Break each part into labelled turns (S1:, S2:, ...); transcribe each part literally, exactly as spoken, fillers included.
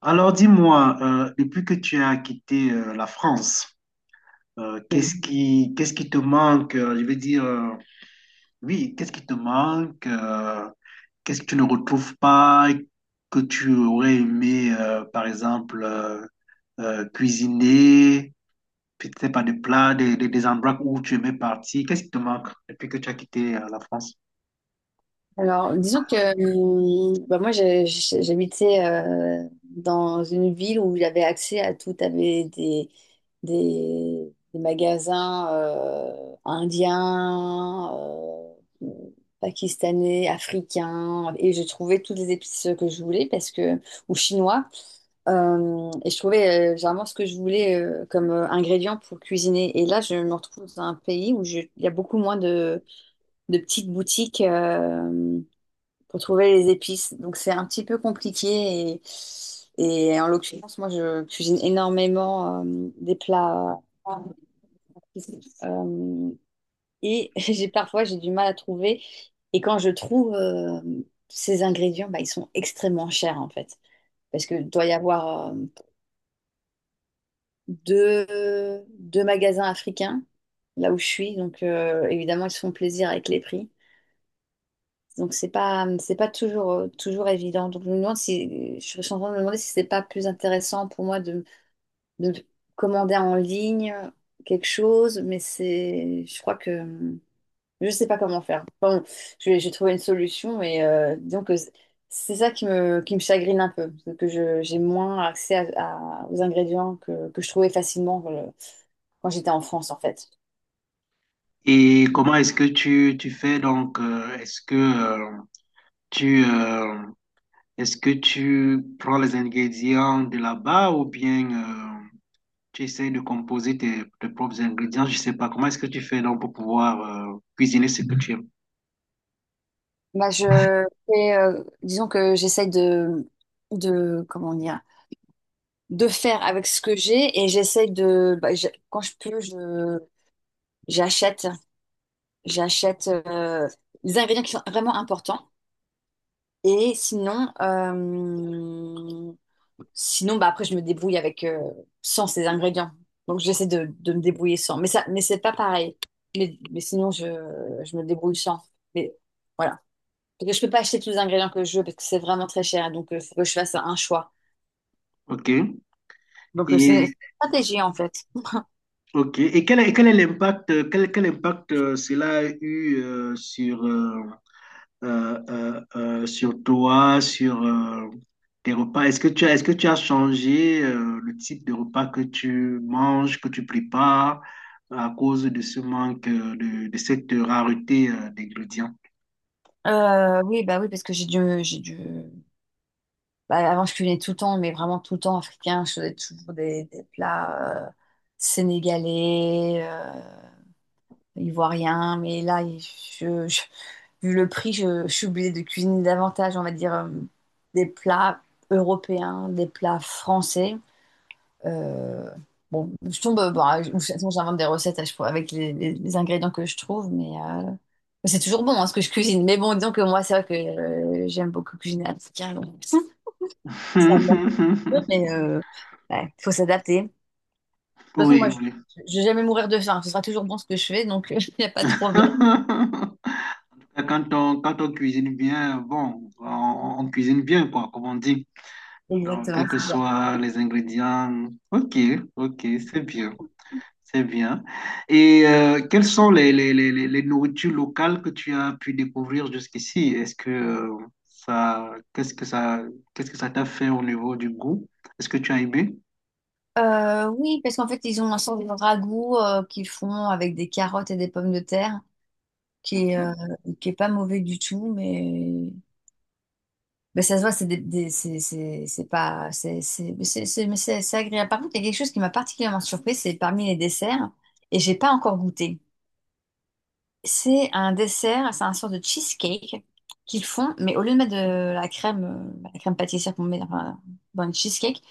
S1: Alors dis-moi, euh, depuis que tu as quitté euh, la France, euh, qu'est-ce qui, qu'est-ce qui te manque? euh, Je veux dire, euh, oui, qu'est-ce qui te manque? euh, qu'est-ce que tu ne retrouves pas et que tu aurais aimé, euh, par exemple, euh, euh, cuisiner, peut-être pas des plats, des, des, des endroits où tu aimais partir. Qu'est-ce qui te manque depuis que tu as quitté euh, la France?
S2: Alors, disons que hum, bah, moi, j'ai- j'ai- j'habitais euh, dans une ville où j'avais accès à tout. T'avais des, des, des magasins euh, indiens, euh, pakistanais, africains, et je trouvais toutes les épices que je voulais parce que, ou chinois. Euh, et je trouvais euh, généralement ce que je voulais euh, comme euh, ingrédient pour cuisiner. Et là, je me retrouve dans un pays où je- il y a beaucoup moins de, de petites boutiques euh, pour trouver les épices. Donc c'est un petit peu compliqué et, et en l'occurrence, moi je cuisine énormément euh, des plats euh, et j'ai parfois j'ai du mal à trouver et quand je trouve euh, ces ingrédients, bah, ils sont extrêmement chers en fait parce que doit y avoir euh, deux, deux magasins africains là où je suis donc euh, évidemment ils se font plaisir avec les prix. Donc c'est pas c'est pas toujours euh, toujours évident. Donc je me demande si je suis en train de me demander si c'est pas plus intéressant pour moi de, de commander en ligne quelque chose, mais c'est je crois que euh, je sais pas comment faire. Enfin, bon, je vais- j'ai trouvé une solution, mais euh, disons que c'est ça qui me qui me chagrine un peu, c'est que je j'ai moins accès à- à- aux ingrédients que, que je trouvais facilement euh, quand j'étais en France en fait.
S1: Et comment est-ce que tu, tu fais donc? euh, est-ce que euh, tu, euh, est-ce que tu prends les ingrédients de là-bas ou bien euh, tu essaies de composer tes, tes propres ingrédients? Je sais pas. Comment est-ce que tu fais donc pour pouvoir euh, cuisiner ce que tu aimes?
S2: Bah, je fais, euh, disons que j'essaye de, de, comment dire, de faire avec ce que j'ai et j'essaye de, bah, je- quand je peux, je, j'achète, j'achète euh, des ingrédients qui sont vraiment importants. Et sinon, euh, sinon, bah, après, je me débrouille avec, euh, sans ces ingrédients. Donc, j'essaie de, de me débrouiller sans. Mais ça, mais c'est pas pareil. Mais, mais sinon, je, je me débrouille sans. Mais voilà. Parce que je peux pas acheter tous les ingrédients que je veux parce que c'est vraiment très cher. Donc, il faut que je fasse un choix.
S1: OK.
S2: Donc, euh, c'est une
S1: Et,
S2: stratégie, en fait.
S1: ok. Et quel est, quel est l'impact, quel, quel impact euh, cela a eu euh, sur, euh, euh, euh, euh, sur toi, sur euh, tes repas. Est-ce que tu as, est-ce que tu as changé euh, le type de repas que tu manges, que tu prépares à cause de ce manque, euh, de, de cette rareté euh, d'ingrédients?
S2: Euh, oui, bah oui, parce que j'ai dû, j'ai dû... bah, avant, je cuisinais tout le temps, mais vraiment tout le temps africain. Je faisais toujours des, des plats euh, sénégalais, euh, ivoiriens. Mais là, il- je, je- vu le prix, je, je suis obligée de cuisiner davantage, on va dire, euh, des plats européens, des plats français. Euh, bon, je tombe, euh, bon, ou sinon j'invente des recettes à chaque fois avec les, les- les ingrédients que je trouve, mais euh, mais c'est toujours bon hein, ce que je cuisine. Mais bon, disons que moi, c'est vrai que euh, j'aime beaucoup cuisiner à petit carré, donc, Ça me manque peu, mais euh, ouais, faut s'adapter. De toute façon,
S1: Oui,
S2: moi, je
S1: oui.
S2: je vais jamais mourir de faim. Ce sera toujours bon ce que je fais, donc il n'y a pas de problème.
S1: Quand on, quand on cuisine bien, bon, on, on cuisine bien, quoi, comme on dit. Donc,
S2: Exactement,
S1: quels que
S2: c'est ça.
S1: soient les ingrédients. Ok, ok, c'est bien. C'est bien. Et euh, quelles sont les, les, les, les les nourritures locales que tu as pu découvrir jusqu'ici? Est-ce que euh, ça, qu'est-ce que ça, qu'est-ce que ça t'a fait au niveau du goût? Est-ce que tu as aimé?
S2: Euh, oui, parce qu'en fait, ils ont un sort de ragoût euh, qu'ils font avec des carottes et des pommes de terre, qui
S1: Ok.
S2: est, euh, qui est pas mauvais du tout, mais Mais ça se voit, c'est des- des- c'est c'est- c'est pas. C'est c'est- mais c'est- c'est- mais c'est- c'est agréable. Par contre, il y a quelque chose qui m'a particulièrement surpris, c'est parmi les desserts, et j'ai pas encore goûté. C'est un dessert, c'est un sort de cheesecake qu'ils font, mais au lieu de mettre de la crème, euh, la crème pâtissière qu'on met enfin, dans une cheesecake,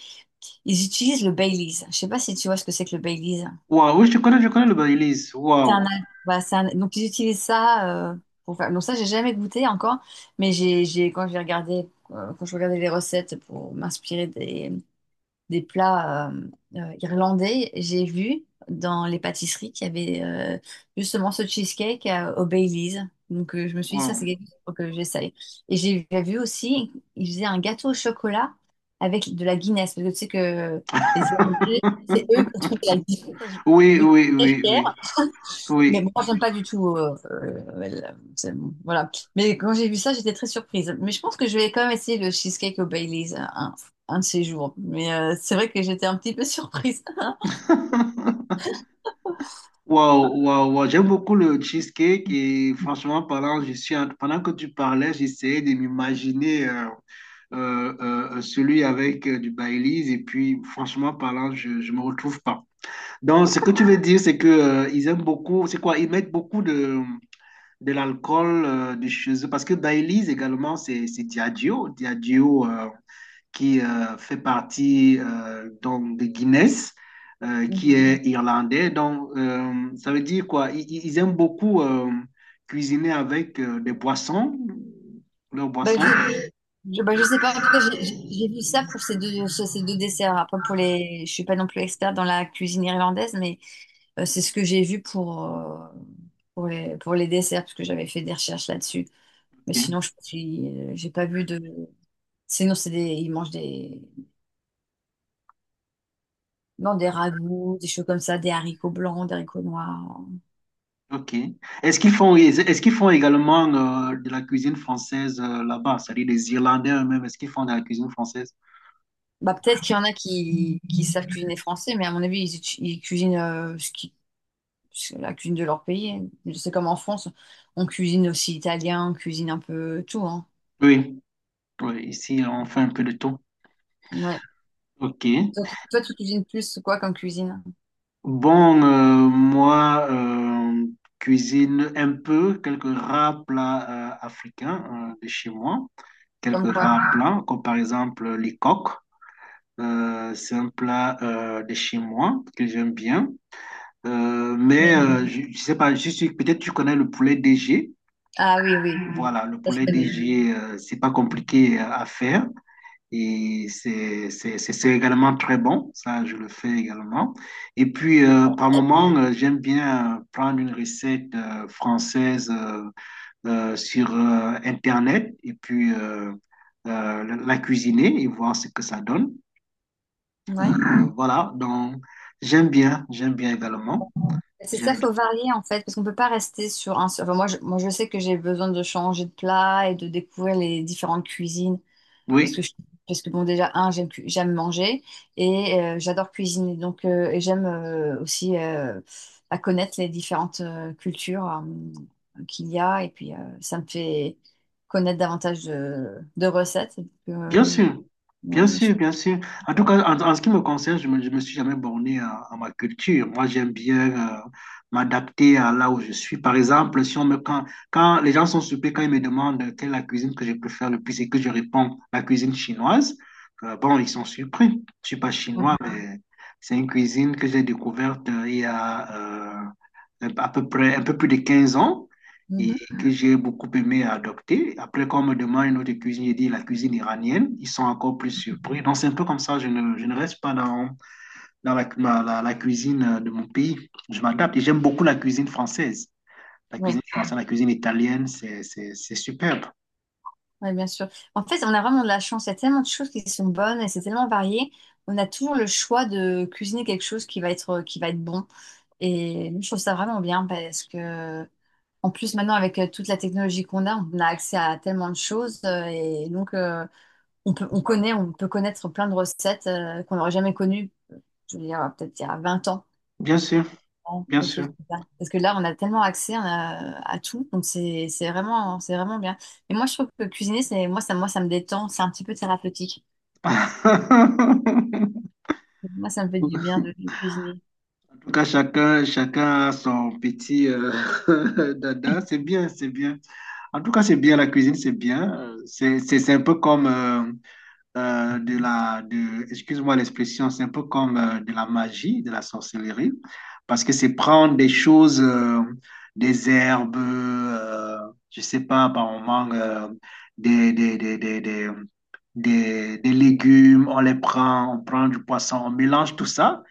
S2: ils utilisent le Baileys. Je sais pas si tu vois ce que c'est que le Baileys.
S1: Waouh, oui, je connais, je connais le Baileys.
S2: C'est
S1: Waouh,
S2: un, voilà, c'est un- donc ils utilisent ça euh, pour faire. Donc ça, j'ai jamais goûté encore, mais j'ai, j'ai quand j'ai regardé, euh, quand je regardais les recettes pour m'inspirer des des plats euh, euh, irlandais, j'ai vu dans les pâtisseries qu'il y avait euh, justement ce cheesecake euh, au Baileys. Donc euh, je me suis dit, ça
S1: waouh.
S2: c'est quelque chose faut que j'essaye. Et j'ai j'ai vu aussi, ils faisaient un gâteau au chocolat avec de la Guinness, parce que tu sais que les Irlandais, c'est eux qui trouvent la Guinness.
S1: Oui,
S2: Je suis
S1: oui,
S2: très
S1: oui, oui,
S2: fière. Mais
S1: oui.
S2: moi, j'aime pas du tout. euh, euh, la- c'est- bon, voilà. Mais quand j'ai vu ça, j'étais très surprise. Mais je pense que je vais quand même essayer le cheesecake au Baileys un, un- un de ces jours. Mais euh, c'est vrai que j'étais un petit peu surprise.
S1: Waouh, waouh, waouh. J'aime beaucoup le cheesecake et franchement parlant, je suis en- pendant que tu parlais, j'essayais de m'imaginer. euh, euh, euh, euh, celui avec euh, du Baileys. Et puis, franchement parlant, je ne me retrouve pas. Donc, ce que tu veux dire, c'est que euh, ils aiment beaucoup, c'est quoi? Ils mettent beaucoup de, de l'alcool euh, de chez eux. Parce que Baileys également, c'est c'est Diageo. Diageo euh, qui euh, fait partie euh, donc de Guinness, euh, qui est irlandais. Donc, euh, ça veut dire quoi? Ils, ils- ils aiment beaucoup euh, cuisiner avec euh, des boissons, leurs
S2: Bah,
S1: boissons.
S2: je, je, bah, je sais pas. En tout cas, j'ai j'ai- j'ai vu ça pour ces deux, ce- ces deux desserts. Après, pour les, je suis pas non plus experte dans la cuisine irlandaise, mais euh, c'est ce que j'ai vu pour, euh, pour les, pour les desserts, parce que j'avais fait des recherches là-dessus. Mais sinon, je suis, euh, j'ai pas vu de. Sinon, c'est des, ils mangent des, non, des ragoûts, des choses comme ça, des haricots blancs, des haricots noirs.
S1: Ok. Est-ce qu'ils font, est-ce qu'ils font également euh, de la cuisine française euh, là-bas? C'est-à-dire des Irlandais eux-mêmes, est-ce qu'ils font de la cuisine française?
S2: Bah, peut-être qu'il y en a qui, qui savent cuisiner français, mais à mon avis, ils, utu- ils cuisinent euh, ce qui, ce- la cuisine de leur pays. C'est comme en France, on cuisine aussi italien, on cuisine un peu tout, hein.
S1: Oui. Oui, ici, on fait un peu de tout.
S2: Ouais.
S1: Ok.
S2: Toi, tu toi, tu cuisines plus quoi comme cuisine?
S1: Bon, euh, moi, euh, cuisine un peu, quelques rares plats euh, africains euh, de chez moi.
S2: Comme
S1: Quelques
S2: quoi?
S1: rares plats, comme par exemple les coques. Euh, c'est un plat euh, de chez moi que j'aime bien. Euh, mais
S2: Oui.
S1: euh, je, je sais pas, je suis, peut-être tu connais le poulet D G.
S2: Ah oui, oui,
S1: Voilà, le
S2: ça je
S1: poulet
S2: connais.
S1: D G, euh, c'est pas compliqué à à faire et c'est c'est- c'est- c'est également très bon. Ça, je le fais également. Et puis, euh, par moment, euh, j'aime bien euh, prendre une recette euh, française euh, euh, sur euh, Internet et puis euh, euh, la la cuisiner et voir ce que ça donne. Euh,
S2: Ouais.
S1: voilà, donc j'aime bien, j'aime bien également.
S2: C'est ça,
S1: J'aime bien.
S2: faut varier en fait, parce qu'on peut pas rester sur un seul. Enfin, moi, je, moi, je sais que j'ai besoin de changer de plat et de découvrir les différentes cuisines. Parce que,
S1: Oui.
S2: je- parce que bon, déjà, un, j'aime cu- j'aime manger et euh, j'adore cuisiner. Donc, euh, et j'aime euh, aussi euh, à connaître les différentes euh, cultures euh, qu'il y a. Et puis, euh, ça me fait connaître davantage de, de recettes. Donc,
S1: Bien
S2: euh,
S1: sûr, bien
S2: ouais, moi, je-
S1: sûr, bien sûr. En tout cas, en, en ce qui me concerne, je me, je me suis jamais borné à, à ma culture. Moi, j'aime bien euh, m'adapter à là où je suis. Par exemple, si on me, quand, quand les gens sont surpris, quand ils me demandent quelle est la cuisine que je préfère le plus et que je réponds la cuisine chinoise, euh, bon, ils sont surpris. Je ne suis pas
S2: Ouais.
S1: chinois, mais c'est une cuisine que j'ai découverte euh, il y a euh, à peu près un peu plus de quinze ans. Et
S2: Mhm.
S1: que j'ai beaucoup aimé adopter. Après, quand on me demande une autre cuisine, je dis la cuisine iranienne. Ils sont encore plus surpris. Donc, c'est un peu comme ça. Je ne, je ne reste pas dans, dans la, la, la cuisine euh, de mon pays. Je m'adapte et j'aime beaucoup la cuisine française. La
S2: Ouais.
S1: cuisine française, la cuisine italienne, c'est, c'est, c'est superbe.
S2: Oui, bien sûr. En fait, on a vraiment de la chance. Il y a tellement de choses qui sont bonnes et c'est tellement varié. On a toujours le choix de cuisiner quelque chose qui va être, qui va être bon. Et je trouve ça vraiment bien parce que, en plus, maintenant, avec euh, toute la technologie qu'on a, on a accès à tellement de choses. euh, Et donc, euh, on peut, on connaît, on peut connaître plein de recettes euh, qu'on n'aurait jamais connues, je veux dire, peut-être il y a vingt ans
S1: Bien sûr,
S2: ans,
S1: bien
S2: quelque
S1: sûr.
S2: chose comme ça. Parce que là, on a tellement accès on a- à tout, donc c'est c'est vraiment, c'est vraiment bien. Et moi, je trouve que cuisiner, c'est moi, ça, moi, ça me détend, c'est un petit peu thérapeutique. Moi, ça me fait du bien de, de cuisiner.
S1: En tout cas, chacun, chacun a son petit euh, dada. C'est bien, c'est bien. En tout cas, c'est bien, la cuisine, c'est bien. Euh, C'est, c'est, c'est un peu comme euh, euh, de la, de, excuse-moi l'expression, c'est un peu comme euh, de la magie, de la sorcellerie, parce que c'est prendre des choses, euh, des herbes, euh, je sais pas, par moment, euh, des, des, des, des, des, des- des légumes, on les prend, on prend du poisson, on mélange tout ça,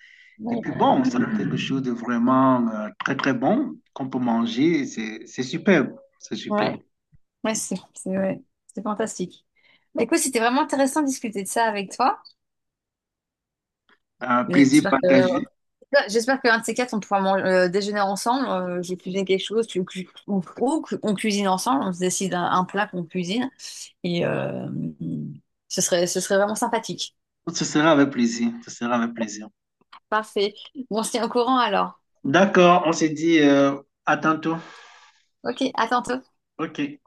S1: et
S2: Ouais,
S1: puis bon, ça donne quelque chose de vraiment euh, très, très bon qu'on peut manger, et c'est, c'est superbe, c'est superbe.
S2: ouais, ouais, c'est c'est ouais, c'est fantastique. Bah, écoute, c'était vraiment intéressant de discuter de ça avec toi.
S1: Un plaisir
S2: J'espère que
S1: partagé.
S2: j'espère qu'un de ces quatre, on pourra man- euh, déjeuner ensemble. Euh, j'ai cuisiné quelque chose, tu, cu- ou, ou on cuisine ensemble, on se décide un, un plat qu'on cuisine. Et euh, ce serait, ce serait vraiment sympathique.
S1: Ce sera avec plaisir, ce sera avec plaisir.
S2: Parfait. Bon, on se tient au courant alors.
S1: D'accord, on s'est dit euh, à tantôt.
S2: Ok, à tantôt
S1: Ok.